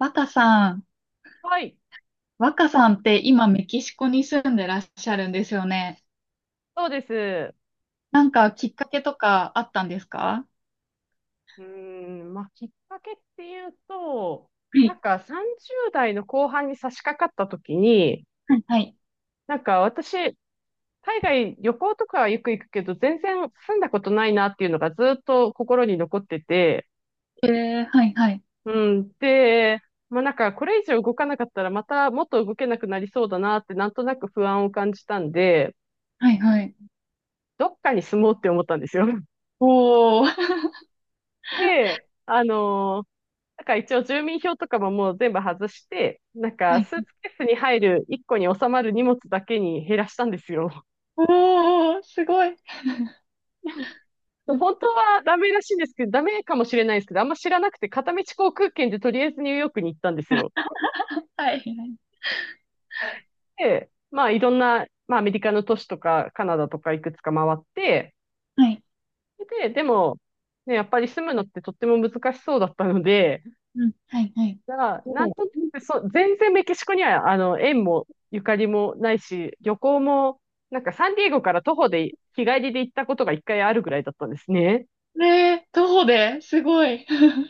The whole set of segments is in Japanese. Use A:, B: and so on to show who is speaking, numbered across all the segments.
A: 若さん、
B: はい、
A: 若さんって今メキシコに住んでらっしゃるんですよね。
B: そうです。
A: なんかきっかけとかあったんですか？
B: うーん、まあ、きっかけっていうと、
A: は
B: な
A: い、
B: んか30代の後半に差し掛かった時に、
A: はいはい。
B: なんか私、海外旅行とかはよく行くけど、全然住んだことないなっていうのがずっと心に残ってて、
A: えー、はいはい。
B: うん、で、まあなんかこれ以上動かなかったらまたもっと動けなくなりそうだなってなんとなく不安を感じたんで、
A: はいはい。
B: どっかに住もうって思ったんですよ。
A: おー。
B: で、なんか一応住民票とかももう全部外して、なん
A: は
B: か
A: い。
B: スーツケースに入る1個に収まる荷物だけに減らしたんですよ。
A: おー、すごい。
B: 本当はダメらしいんですけど、ダメかもしれないですけど、あんま知らなくて片道航空券でとりあえずニューヨークに行ったんですよ。
A: はい。
B: で、まあいろんな、まあアメリカの都市とかカナダとかいくつか回って、
A: はい。
B: で、でも、ね、やっぱり住むのってとっても難しそうだったので、
A: うん。はいはい。
B: だからな
A: お
B: ん
A: ー。
B: となく、そう、全然メキシコには、縁もゆかりもないし、旅行も、なんかサンディエゴから徒歩で日帰りで行ったことが一回あるぐらいだったんですね。
A: ねえ、徒歩ですごい。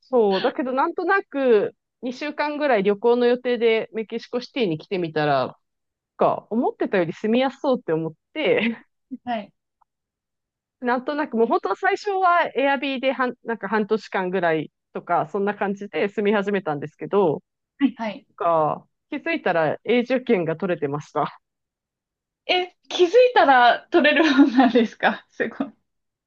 B: そう、だけどなんとなく、2週間ぐらい旅行の予定でメキシコシティに来てみたら、なんか思ってたより住みやすそうって思って、
A: はい。
B: なんとなくもう本当は最初はエアビーでなんか半年間ぐらいとか、そんな感じで住み始めたんですけど、
A: はいはい。
B: なんか気づいたら永住権が取れてました。
A: え、気づいたら取れるもんなんですか？すごい。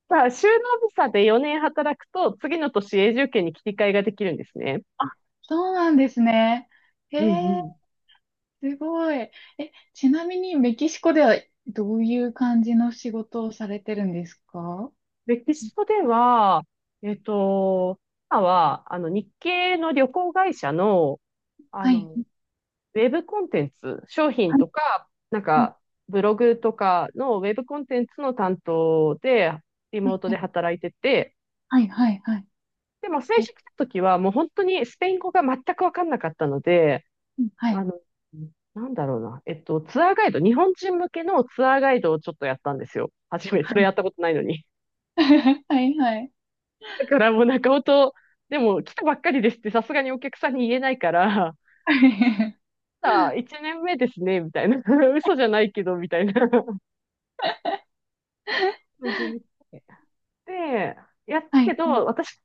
B: さあ、就農ビザで4年働くと、次の年永住権に切り替えができるんですね。
A: あ、そうなんですね。へ
B: うんう
A: え。
B: ん。
A: すごい。え、ちなみにメキシコではどういう感じの仕事をされてるんですか？
B: メキシコでは、えっと、今は、日系の旅行会社の、あ
A: はい。
B: の、ウェブコンテンツ、商品
A: はい。
B: とか、なん
A: うん、
B: か、ブログとかのウェブコンテンツの担当で、リ
A: は
B: モー
A: い
B: ト
A: は
B: で
A: い。
B: 働いてて、
A: はい。はい。はい。
B: でも最
A: え、
B: 初来た時はもう本当にスペイン語が全くわかんなかったので、
A: うん、は
B: あ
A: い。
B: の、なんだろうな。ツアーガイド、日本人向けのツアーガイドをちょっとやったんですよ。初め、
A: は
B: それ
A: い。
B: やったことないのに。
A: はい。はい。
B: だからもう中尾と、でも来たばっかりですってさすがにお客さんに言えないから、
A: はい
B: さあ、1年目ですね、みたいな。嘘じゃないけど、みたいな感じ に。で、やった
A: は
B: け
A: い。
B: ど、私、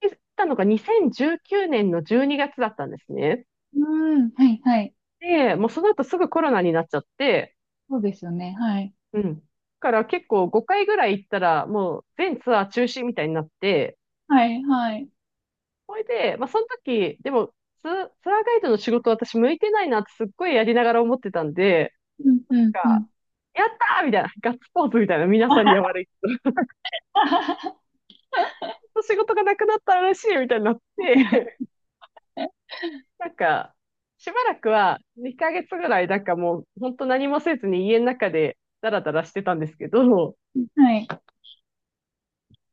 B: 行ったのが2019年の12月だったんですね。
A: うん。うん、はい。はい。
B: で、もうその後すぐコロナになっちゃって、
A: そうですよね。はい。
B: うん。だから結構5回ぐらい行ったら、もう全ツアー中止みたいになって、
A: はい。はい。
B: それで、まあその時、でもツアーガイドの仕事私向いてないなってすっごいやりながら思ってたんで、
A: うん。
B: な
A: う
B: ん
A: ん。う
B: か、
A: ん。
B: やったーみたいな、ガッツポーズみたいな、皆さんには悪いけ ど、仕事がなくなったら嬉しいみたいになって、なんか、しばらくは2ヶ月ぐらい、なんかもう、本当何もせずに家の中でダラダラしてたんですけど、
A: はい。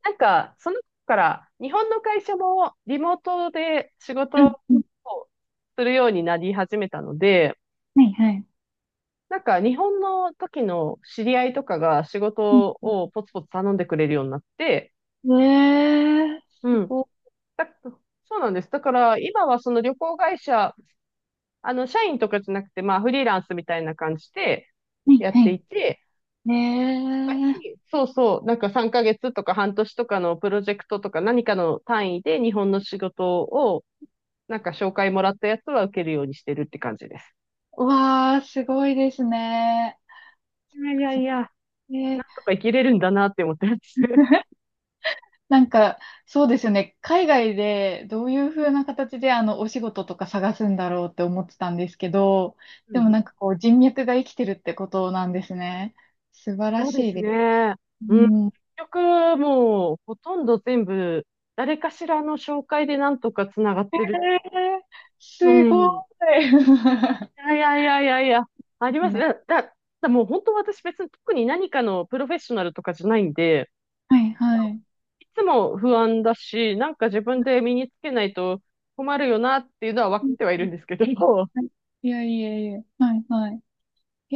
B: なんか、その頃から、日本の会社もリモートで仕
A: う
B: 事
A: ん。うん、
B: をするようになり始めたので、
A: はい。はい。
B: なんか日本の時の知り合いとかが仕事
A: う
B: をポツポツ頼んでくれるようになって、
A: ん、えー、す
B: うん。
A: ご
B: だ、そうなんです。だから今はその旅行会社、社員とかじゃなくて、まあフリーランスみたいな感じで
A: い。
B: や
A: は
B: っ
A: い。は
B: て
A: い。
B: いて、
A: えー。
B: そうそう、なんか3ヶ月とか半年とかのプロジェクトとか何かの単位で日本の仕事をなんか紹介もらったやつは受けるようにしてるって感じです。
A: うわー、すごいですね。
B: いやいやいや、なん
A: え、
B: とか生きれるんだなって思ってます。
A: なんか、そうですよね。海外でどういう風な形でお仕事とか探すんだろうって思ってたんですけど、
B: う
A: でも
B: ん。
A: なんかこう、人脈が生きてるってことなんですね。素晴ら
B: そうで
A: しい
B: す
A: です。
B: ね。
A: う
B: うん。結
A: ん。えー、
B: 局、もう、ほとんど全部、誰かしらの紹介でなんとかつながってる。う
A: すご
B: ん。
A: い。
B: い やいやいやいやいや、あります。
A: ね。
B: だもう本当私別に特に何かのプロフェッショナルとかじゃないんで、
A: はいはい。
B: いつも不安だし、なんか自分で身につけないと困るよなっていうのは分
A: う
B: かっ
A: ん
B: てはい
A: う
B: る
A: ん、
B: んですけど、
A: はい、いやいやいや。はいはい。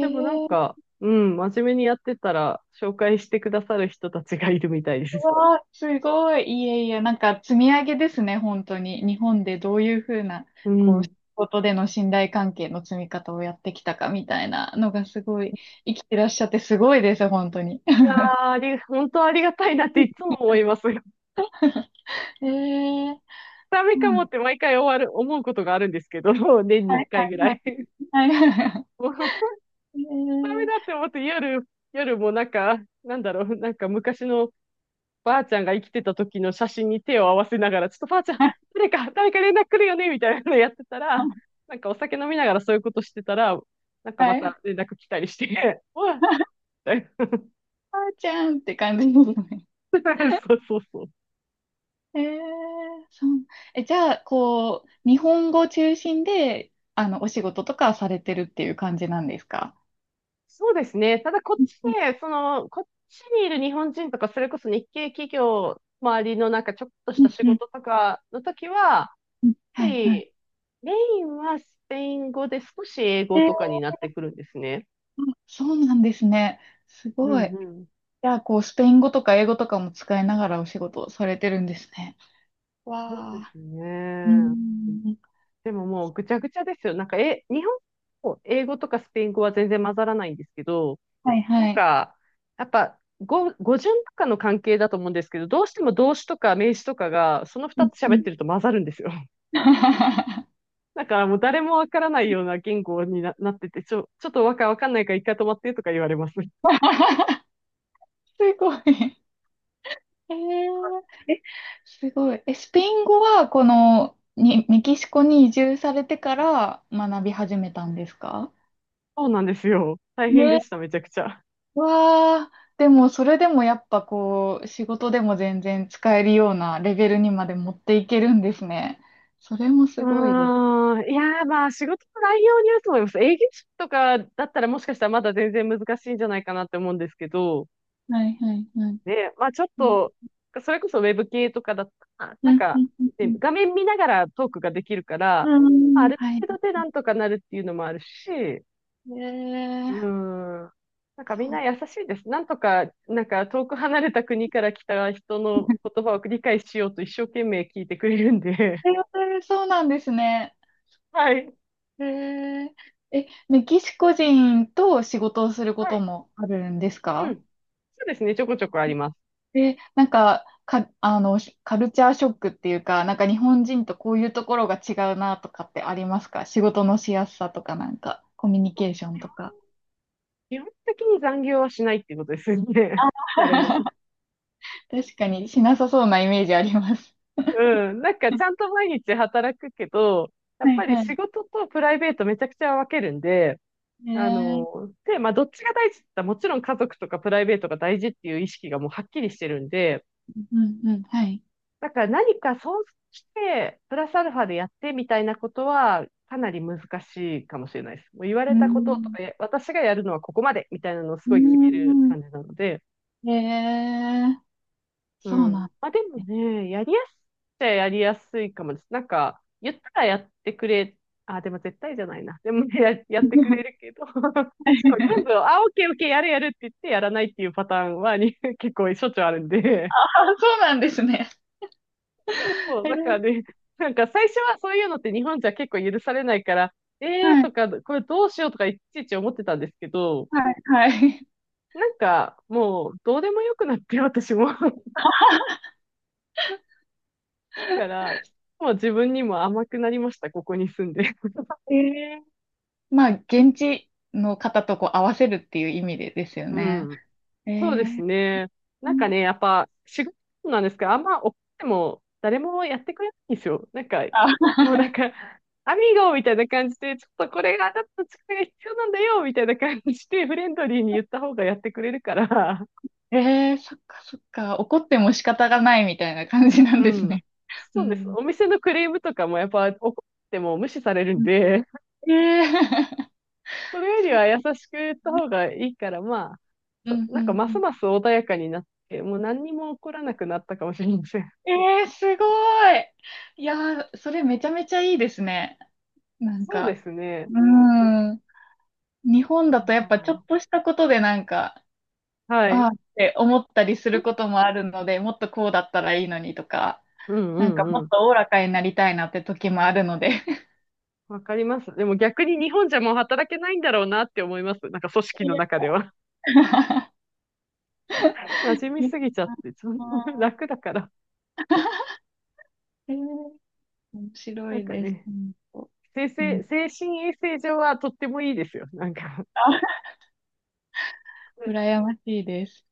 A: え
B: でもなん
A: ー、
B: か、うん、真面目にやってたら、紹介してくださる人たちがいるみたいで
A: う
B: す。
A: わあ、すごい。いえいえ、なんか積み上げですね、本当に。日本でどういうふうな、
B: う
A: こう、仕
B: ん。
A: 事での信頼関係の積み方をやってきたかみたいなのがすごい、生きてらっしゃってすごいです、本当に。
B: あーあり、本当ありがたいなっていつも思います。
A: ええー、
B: ダメか
A: う
B: も
A: ん、
B: って毎回終わる、思うことがあるんですけど、年に
A: は
B: 一
A: いは
B: 回ぐらい。
A: い、はい、はい。
B: もう、ダ
A: え
B: メ
A: ー、
B: だって思って夜、夜もなんか、なんだろう、なんか昔のばあちゃんが生きてた時の写真に手を合わせながら、ちょっとばあちゃん、誰か、誰か連絡来るよねみたいなのやってたら、なんかお酒飲みながらそういうことしてたら、なんかま
A: はい。
B: た連絡来たりして、うわ、
A: あーちゃんって感じですね。
B: そうそうそう。
A: えー、そう。え、じゃあ、こう、日本語中心で、お仕事とかされてるっていう感じなんですか？
B: そうですね。ただこっ
A: うん
B: ち
A: うん、
B: で、その、こっちにいる日本人とか、それこそ日系企業周りのなんかちょっとし
A: う
B: た仕
A: ん
B: 事とかの時は、やっ
A: うん、
B: ぱ
A: はいはい。
B: りメインはスペイン語で少し英
A: え
B: 語とか
A: ー、
B: になってくるんですね。
A: あ、そうなんですね。す
B: う
A: ご
B: ん
A: い。
B: うん。
A: じゃあ、こう、スペイン語とか英語とかも使いながらお仕事をされてるんですね。
B: そう
A: わ
B: で
A: あ。
B: す
A: うー
B: ね。
A: ん。
B: でももうぐちゃぐちゃですよ。なんか、え、日本語、英語とかスペイン語は全然混ざらないんですけど、
A: はい
B: なん
A: はい。
B: か、やっぱ、語順とかの関係だと思うんですけど、どうしても動詞とか名詞とかが、その
A: う
B: 二
A: ん
B: つ
A: う
B: 喋っ
A: ん。
B: てると混ざるんですよ。だからもう誰もわからないような言語になってて、ちょっとわかんないから一回止まってとか言われます。
A: すごい。えー、え、すごい。え、スペイン語は、この、に、メキシコに移住されてから学び始めたんですか？
B: そうなんですよ。大変で
A: ね、
B: した、めちゃくちゃ。
A: わあ、でもそれでもやっぱこう、仕事でも全然使えるようなレベルにまで持っていけるんですね。それも
B: う
A: すごいです。
B: ーん。いやー、まあ、仕事の内容によると思います。営業職とかだったらもしかしたらまだ全然難しいんじゃないかなって思うんですけど、
A: はいはいはい。
B: ね、まあちょっ
A: うん、
B: と、それこそウェブ系とかだったら、
A: う
B: なん
A: ん、う
B: か、
A: ん、う
B: ね、
A: ん。
B: 画面見ながらトークができるから、
A: う
B: まああ
A: ん、
B: る
A: はい。
B: 程度でなんとかなるっていうのもあるし、う
A: ええ、
B: ーん。なんかみん
A: そう。
B: な優しいです。なんとか、なんか遠く離れた国から来た人の言葉を理解しようと一生懸命聞いてくれるんで。
A: えー、そうなんですね。
B: はい。
A: えええ、メキシコ人と仕事をするこ
B: は
A: と
B: い。
A: もあるんです
B: うん。
A: か？
B: そうですね。ちょこちょこあります。
A: で、なんか、か、あの、しカルチャーショックっていうか、なんか日本人とこういうところが違うなとかってありますか？仕事のしやすさとかなんか、コミュニケーションとか。
B: 基本的に残業はしないっていうことですよね。誰も。
A: 確かにしなさそうなイメージあります。
B: うん。なんかちゃんと毎日働くけど、やっ
A: はい
B: ぱり
A: は
B: 仕
A: い。
B: 事とプライベートめちゃくちゃ分けるんで、
A: えー、
B: で、まあどっちが大事って言ったらもちろん家族とかプライベートが大事っていう意識がもうはっきりしてるんで、
A: うんうん、はい。
B: だから何かそうして、プラスアルファでやってみたいなことはかなり難しいかもしれないです。もう言わ
A: う
B: れ
A: ー
B: たことと
A: ん、
B: か、え私がやるのはここまでみたいなのをす
A: う
B: ごい決める
A: ー
B: 感じなので、
A: ん、えー、
B: う
A: そうなん
B: ん。
A: で
B: まあでも
A: すね。
B: ね、やりやすいっちゃやりやすいかもです。なんか、言ったらやってくれ、あ、でも絶対じゃないな。でもねやってくれる けど、そう全部、あ、オッケーオッケー、やるやるって言ってやらないっていうパターンはに 結構しょっちゅうあるん
A: あ、
B: で、
A: そうなんですね。
B: そうそう、
A: え
B: だから
A: ー、
B: ね、なんか最初はそういうのって日本じゃ結構許されないから、えー
A: はい、
B: とか、これどうしようとかいちいち思ってたんですけど、
A: はい、はい。
B: なんかもうどうでもよくなって私も。だから、もう自分にも甘くなりました、ここに住んで。
A: えー、まあ、現地の方とこう合わせるっていう意味でですよ
B: う
A: ね。
B: ん。
A: え
B: そうです
A: ー、
B: ね。なんかね、やっぱ、仕事なんですけど、あんま怒っても誰もやってくれないんですよ。なんか、
A: あ、
B: もうなんか、アミーゴみたいな感じで、ちょっとこれがあなたの力が必要なんだよ、みたいな感じで、フレンドリーに言った方がやってくれるから、
A: えー、そっかそっか、怒っても仕方がないみたいな感じなん
B: う
A: です
B: ん。
A: ね。う
B: そうです。
A: ん。
B: お店のクレームとかもやっぱ怒っても無視されるん
A: うん、
B: で、
A: えー、
B: それ より
A: そう
B: は優しく言った
A: ね、
B: 方がいいから、まあ、
A: う
B: そ
A: んう
B: なんか
A: ん
B: ま
A: う
B: す
A: ん。
B: ます穏やかになって、もう何にも起こらなくなったかもしれません。
A: えー、すごい。いやー、それめちゃめちゃいいですね。なん
B: そうで
A: か、
B: すね。
A: う
B: う
A: ん。日本だとやっぱちょ
B: ん
A: っとしたことでなんか、
B: は
A: ああ
B: い。
A: って思ったりすることもあるので、もっとこうだったらいいのにとか、
B: うんう
A: なん
B: ん
A: かも
B: う
A: っ
B: ん。
A: とおおらかになりたいなって時もあるので。
B: わかります。でも逆に日本じゃもう働けないんだろうなって思います。なんか組織
A: い
B: の
A: や、
B: 中では。馴染み
A: いや、
B: すぎちゃって、ちょっと
A: あ
B: 楽だから。
A: ー、えー、面白
B: なん
A: い
B: か
A: です。
B: ね、
A: 本当、
B: 精
A: うん、
B: 神、衛生上はとってもいいですよ。なんか。
A: あ、 羨ましいです。